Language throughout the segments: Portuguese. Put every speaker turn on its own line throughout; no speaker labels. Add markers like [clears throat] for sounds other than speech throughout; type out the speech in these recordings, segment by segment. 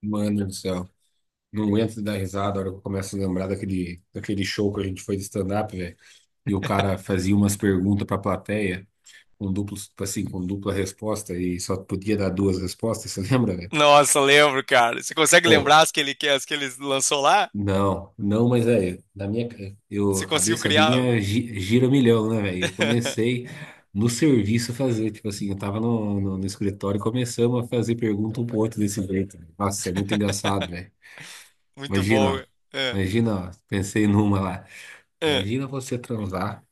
Mano do céu. Não aguento de dar risada a hora que eu começo a lembrar daquele show que a gente foi de stand-up, velho. E o cara fazia umas perguntas pra plateia, com duplo, tipo assim, com dupla resposta, e só podia dar duas respostas, você [laughs] lembra, velho?
Nossa, lembro, cara. Você consegue
Oh,
lembrar as que ele lançou lá?
não, não,
Você
a
conseguiu
cabeça
criar algo?
minha gira um milhão, né, velho? Eu comecei no serviço a fazer, tipo assim, eu tava no escritório e começamos a fazer pergunta um pro outro desse jeito, véi. Nossa, é muito
[laughs]
engraçado, velho.
Muito bom.
Imagina, ó.
É,
Imagina, ó. Pensei numa lá.
é,
Imagina você transar.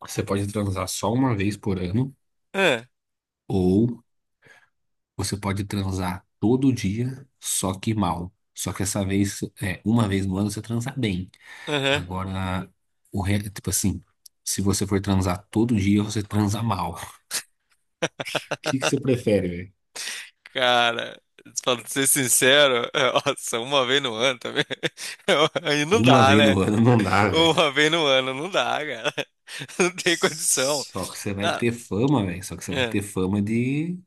Você pode transar só uma vez por ano,
é,
ou você pode transar todo dia, só que mal. Só que essa vez, é, uma vez no ano você transa bem.
aham.
Agora, tipo assim, se você for transar todo dia, você transa mal. [laughs] O que que você prefere, velho?
Cara, pra ser sincero, [laughs] é, nossa, uma vez no ano também. [laughs] Aí não
Uma
dá,
vez
né?
no ano não dá, velho.
Uma vez no ano não dá, cara. [laughs] Não tem condição.
Só que você vai
Ah,
ter fama, velho. Só que você vai
é.
ter fama de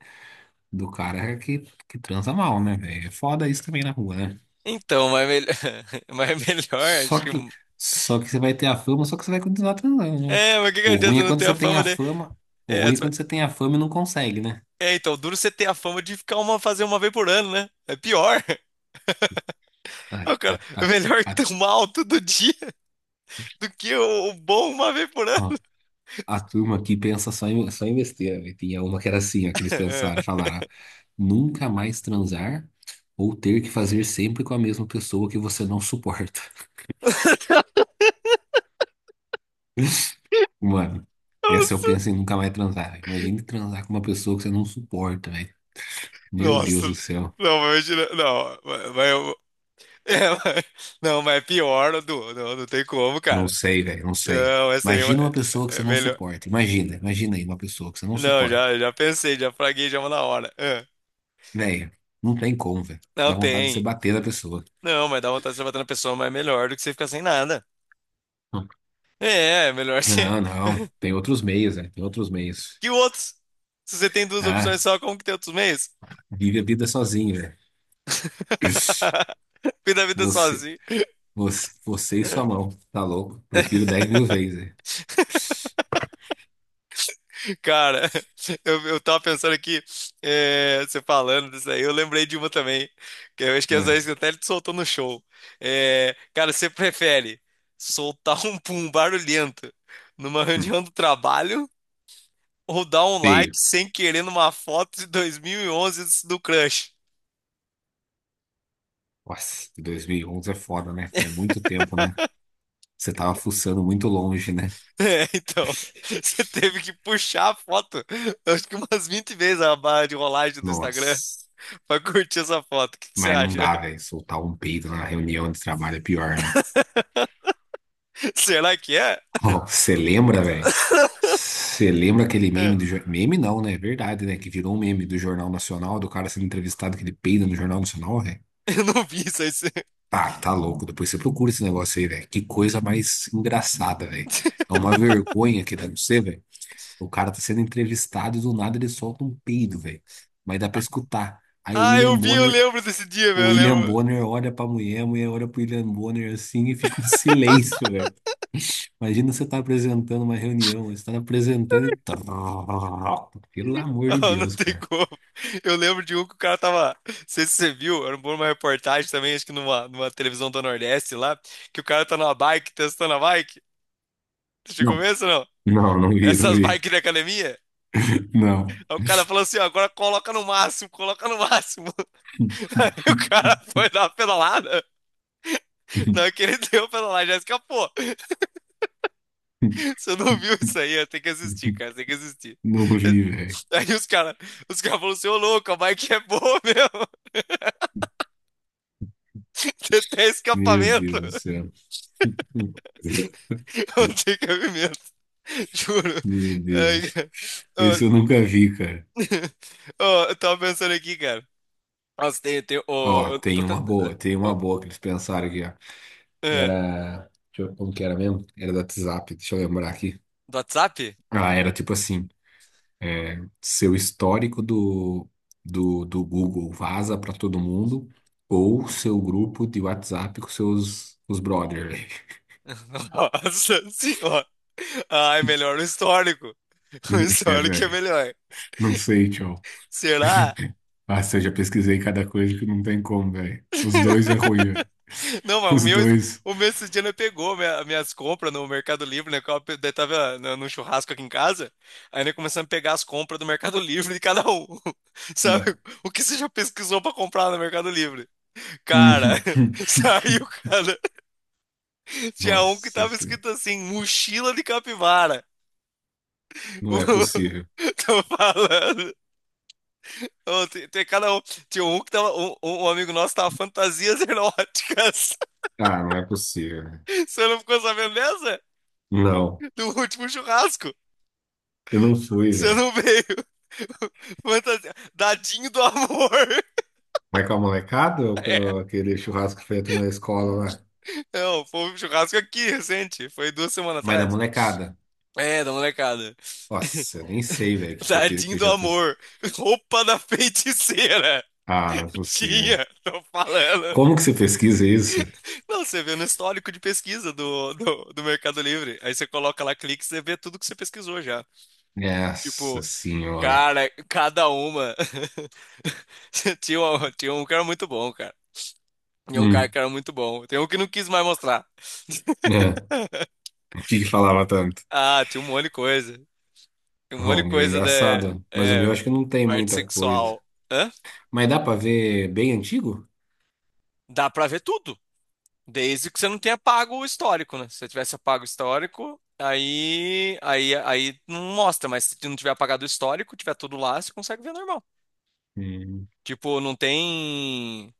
do cara que transa mal, né, velho? É foda isso também na rua, né?
Então, mas, melhor, [laughs] mas melhor,
Só
acho que.
que, só que você vai ter a fama, só que você vai continuar transando, né?
É, mas o que que
O ruim
adianta
é
não
quando
ter
você
a
tem
fama
a
de.
fama, o
É,
ruim é quando você tem a fama e não consegue, né?
É, então, duro você ter a fama de ficar uma, fazer uma vez por ano, né? É pior. [laughs]
A,
O
a,
cara, é
a,
melhor [laughs]
a,
ter mal todo dia do que o bom uma vez por ano.
ó,
[laughs]
a turma aqui pensa só em besteira, velho. Tinha uma que era assim, ó, que eles
É.
pensaram, falaram, nunca mais transar ou ter que fazer sempre com a mesma pessoa que você não suporta. [laughs] Mano, essa eu
Nossa,
penso em nunca mais transar, velho. Imagine transar com uma pessoa que você não suporta, velho. Meu
nossa.
Deus do céu.
Não, mas eu tiro- não, mas eu- [laughs] é, mas- não, mas é pior, Du. Não, não tem como,
Não
cara.
sei, velho, não sei.
Não, essa aí é uma-
Imagina uma pessoa que você
é
não
melhor.
suporta. Imagina, imagina aí uma pessoa que você não
Não,
suporta.
já, já pensei, já fraguei já uma na hora. Ah,
Velho, não tem como, velho.
não
Dá vontade de você
tem.
bater na pessoa.
Não, mas dá vontade de você bater na pessoa, mas é melhor do que você ficar sem nada. É, é melhor você.
Não, não.
[laughs]
Tem outros meios, velho. Tem outros meios.
Que outros? Se você tem duas opções
Ah,
só, como que tem outros meios?
vive a vida sozinho, velho. [laughs]
[laughs] Cuida da vida
Você,
sozinho.
você, você e sua mão. Tá louco? Prefiro 10.000
[laughs]
vezes, velho.
Cara, eu tava pensando aqui, é, você falando disso aí, eu lembrei de uma também, que eu acho que é essa
É.
aí você até soltou no show. É, cara, você prefere soltar um pum barulhento numa
Hum.
reunião do trabalho ou dar um like
Feio.
sem querer numa foto de 2011 do crush?
Nossa, 2011 é foda, né? É muito tempo, né? Você tava fuçando muito longe, né?
[laughs] É, então, você teve que puxar a foto, eu acho que umas 20 vezes a barra de rolagem do Instagram
Nossa.
pra curtir essa foto. O que que você
Mas não
acha?
dá, velho. Soltar um peido na reunião de trabalho é pior, né?
[laughs] Será que é?
Ó, você lembra, velho?
[laughs]
Você lembra aquele meme
É,
do... jor- Meme não, né? É verdade, né? Que virou um meme do Jornal Nacional, do cara sendo entrevistado que ele peida no Jornal Nacional, velho?
eu não vi isso aí. Você- [laughs]
Ah, tá louco. Depois você procura esse negócio aí, velho. Que coisa mais engraçada, velho. É uma vergonha que dá no você, velho. O cara tá sendo entrevistado e do nada ele solta um peido, velho. Mas dá pra escutar. Aí
Ah, eu vi, eu lembro desse dia,
O
velho, eu
William
lembro. [laughs]
Bonner olha pra mulher, a mulher olha pro William Bonner assim e fica um silêncio, velho. Imagina você tá apresentando uma reunião, você tá apresentando e. [laughs] Pelo amor de
Ah, não
Deus,
tem
cara.
como. Eu lembro de um que o cara tava. Não sei se você viu, era uma reportagem também, acho que numa, numa televisão do Nordeste lá, que o cara tá numa bike, testando a bike. Você chegou
Não,
a ver isso ou não?
não, não vi, não
Essas
vi.
bikes de academia? Aí
Não.
o cara falou assim, ó, agora coloca no máximo, coloca no máximo. [laughs] Aí o cara foi dar uma pedalada.
[laughs]
Na hora que ele deu a pedalada, já escapou. Você não viu isso aí? Tem que assistir, cara, tem que assistir.
Não vi, velho.
Aí os caras falaram assim, ô louco, a bike é boa mesmo. [laughs] Tem até
Meu
escapamento.
Deus do céu.
[laughs] Não tem cabimento. Juro.
Meu
Ai,
Deus.
cara.
Esse
Ó,
eu nunca vi, cara.
[laughs] ó, eu tava pensando aqui, cara. Nossa, tem, ó,
Ó,
eu tô tentando...
tem
ó,
uma boa que eles pensaram aqui, ó.
é,
Era. Deixa eu, como que era mesmo? Era da WhatsApp, deixa eu lembrar aqui.
do WhatsApp?
Ah, era tipo assim: é, seu histórico do Google vaza pra todo mundo, ou seu grupo de WhatsApp com seus os brothers, [laughs]
[laughs] Nossa senhora. Ah, é melhor o histórico. O
velho. É,
histórico é
velho.
melhor.
Não sei, tio.
Será?
Ah, se eu já pesquisei cada coisa que não tem como, velho. Os dois é ruim, velho.
[laughs] Não,
[laughs]
mas o
Os
meu,
dois.
o meu esse dia não pegou minha- minhas compras no Mercado Livre, né? Que eu daí tava, né, num churrasco aqui em casa, aí nós começamos a pegar as compras do Mercado [laughs] Livre de cada um. [laughs] Sabe?
Ah.
O que você já pesquisou pra comprar no Mercado Livre? Cara, [laughs] saiu,
[laughs]
cara. Tinha um que
Nossa
tava
senhora.
escrito assim, mochila de capivara.
Não é
[laughs]
possível.
Tô falando. Ô, tem cada um. Tinha um que tava. Um amigo nosso tava fantasias eróticas.
Ah, não é possível, né?
[laughs] Você não ficou sabendo dessa?
Não,
Do último churrasco.
eu não fui,
Que você
velho.
não veio. [laughs] Fantasia. Dadinho do amor. [laughs]
Mas com a molecada ou
É.
com aquele churrasco feito na escola lá?
Não, foi um churrasco aqui, recente. Foi duas semanas
Mas da
atrás.
molecada.
É, da molecada. [laughs]
Nossa, eu nem sei, velho, o que que eu, que
Dadinho
eu
do
já fiz.
amor. Roupa da feiticeira.
Ah, não é
[laughs]
possível.
Tinha, tô falando.
Como que você pesquisa isso?
Não, você vê no histórico de pesquisa do Mercado Livre. Aí você coloca lá clique, você vê tudo que você pesquisou já.
Nossa
Tipo,
senhora.
cara, cada uma. [laughs] Tinha um que era muito bom, cara. Tinha um cara
Hum,
que era muito bom. Tem um que não quis mais mostrar.
é.
[laughs]
O que que falava tanto?
Ah, tinha um monte de coisa. Tem um monte
Bom,
de
o meu é
coisa da,
engraçado, mas o meu
é,
acho que não tem
parte
muita coisa.
sexual. Hã?
Mas dá pra ver bem antigo?
Dá pra ver tudo. Desde que você não tenha pago o histórico, né? Se você tivesse apago o histórico, aí não mostra, mas se não tiver apagado o histórico, tiver tudo lá, você consegue ver normal.
Hum,
Tipo, não tem.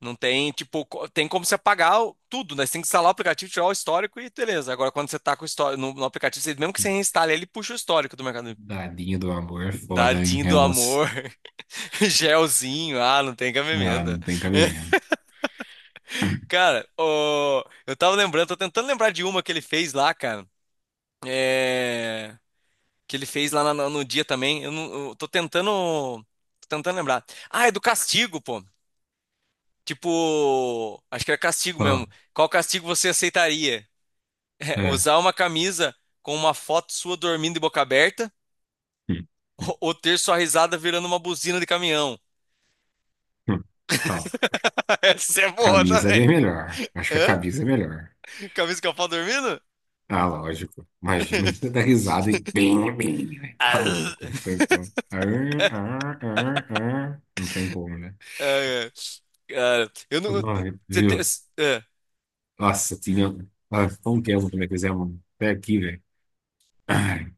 Não tem, tipo, co- tem como você apagar o- tudo, né? Você tem que instalar o aplicativo, tirar o histórico e beleza. Agora, quando você tá com o histórico no, no aplicativo, você- mesmo que você reinstale, ele puxa o histórico do Mercado Livre.
dadinho do amor é foda, hein?
Dadinho
É
do
uns...
amor, [laughs] gelzinho, ah, não tem
Ah,
cabimento.
não tem
[laughs]
cabimento.
Cara, ô, eu tava lembrando, tô tentando lembrar de uma que ele fez lá, cara. É, que ele fez lá no dia também. Eu, não, eu tô tentando lembrar. Ah, é do castigo, pô. Tipo, acho que era castigo
Ó.
mesmo. Qual castigo você aceitaria? [laughs] É,
É.
usar uma camisa com uma foto sua dormindo de boca aberta
Hum,
[laughs]
hum,
ou, ter sua risada virando uma buzina de caminhão?
hum. Ó,
[laughs] Essa é boa
camisa é
também.
bem melhor. Acho que a
Hã?
camisa é melhor.
Camisa com a foto dormindo?
Ah, lógico. Imagina você
[laughs]
dar risada e bem, bem. Ai, tá
Ah,
louco, não tem como. Ah, ah, ah, ah. Não tem como, né?
é. Cara, eu não.
Ai,
Você tem.
viu? Nossa, tinha. Ah, foi um tempo também que fizemos até aqui, velho. Ai.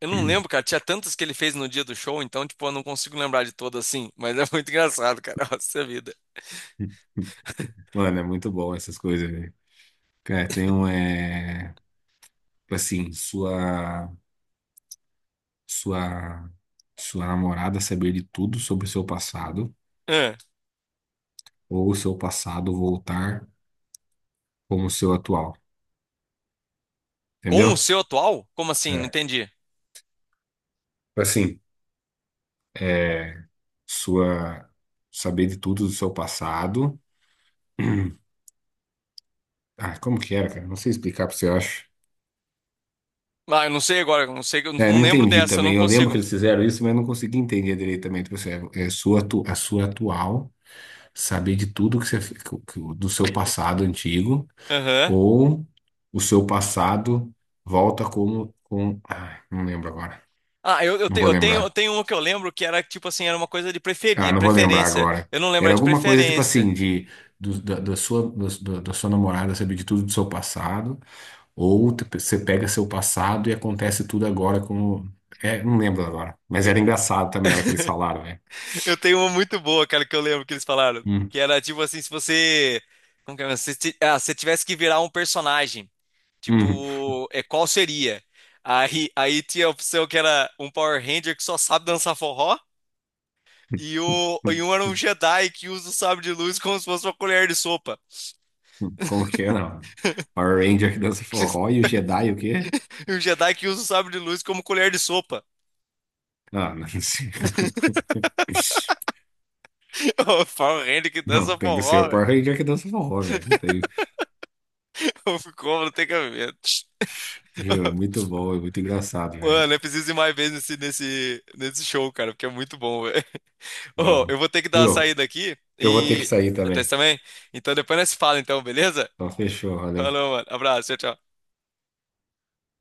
Eu não lembro, cara. Tinha tantas que ele fez no dia do show, então, tipo, eu não consigo lembrar de todas assim. Mas é muito [laughs] engraçado, cara. Nossa vida.
Mano, é muito bom essas coisas, velho. Cara, tem um, é, tipo assim, sua sua namorada saber de tudo sobre o seu passado
É.
ou o seu passado voltar como o seu atual,
Com o
entendeu?
seu atual? Como assim? Não
É,
entendi.
tipo assim, é sua saber de tudo do seu passado. [clears throat] Ah, como que era, cara? Não sei explicar pra você, eu acho.
Ah, eu não sei agora. Eu não sei, eu
É,
não
não
lembro
entendi
dessa, eu não
também. Eu lembro
consigo.
que eles fizeram isso, mas não consegui entender direitamente. Tipo assim, é sua, a sua atual, saber de tudo que você, do seu passado antigo.
Aham.
Ou o seu passado volta como com. Ai, não lembro agora.
Ah, eu, eu,
Não
te-
vou
eu tenho, eu
lembrar.
tenho uma que eu lembro que era, tipo assim, era uma coisa de
Ah,
preferir,
não vou lembrar
preferência.
agora.
Eu não lembro a
Era
de
alguma coisa tipo
preferência.
assim, de do- da, da sua, do- do- da sua namorada saber de tudo do seu passado, ou você pega seu passado e acontece tudo agora como. É, não lembro agora. Mas
Eu
era engraçado também a hora que eles falaram, né?
[laughs] eu tenho uma muito boa, cara, que eu lembro que eles falaram.
Hum,
Que era, tipo assim, se você. Como que é? Se, ti- ah, se tivesse que virar um personagem.
hum,
Tipo, é, qual seria? Aí, aí tinha a opção que era um Power Ranger que só sabe dançar forró e, o,
hum,
e um era um Jedi que usa o sabre de luz como se fosse uma colher de sopa.
Como que é, não? Power Ranger que dança forró
[laughs]
e o Jedi o quê?
E um Jedi que usa o sabre de luz como colher de sopa.
Ah, não sei.
[laughs]
[laughs]
O Power Ranger que
Não,
dança
tem que ser o
forró, velho.
Power Ranger que dança forró, velho. Não tem.
[laughs] Ficou, não tem cabimento.
Juro, é
[laughs]
muito bom, é muito engraçado, velho.
Mano, eu preciso ir mais vezes nesse show, cara, porque é muito bom, velho. [laughs] Ô,
Vamos.
eu vou ter que dar uma
Viu?
saída aqui
Eu vou ter que
e.
sair
Até você
também.
também? Então depois nós se fala, então, beleza?
Então, fechou, valeu.
Falou, mano. Abraço, tchau, tchau.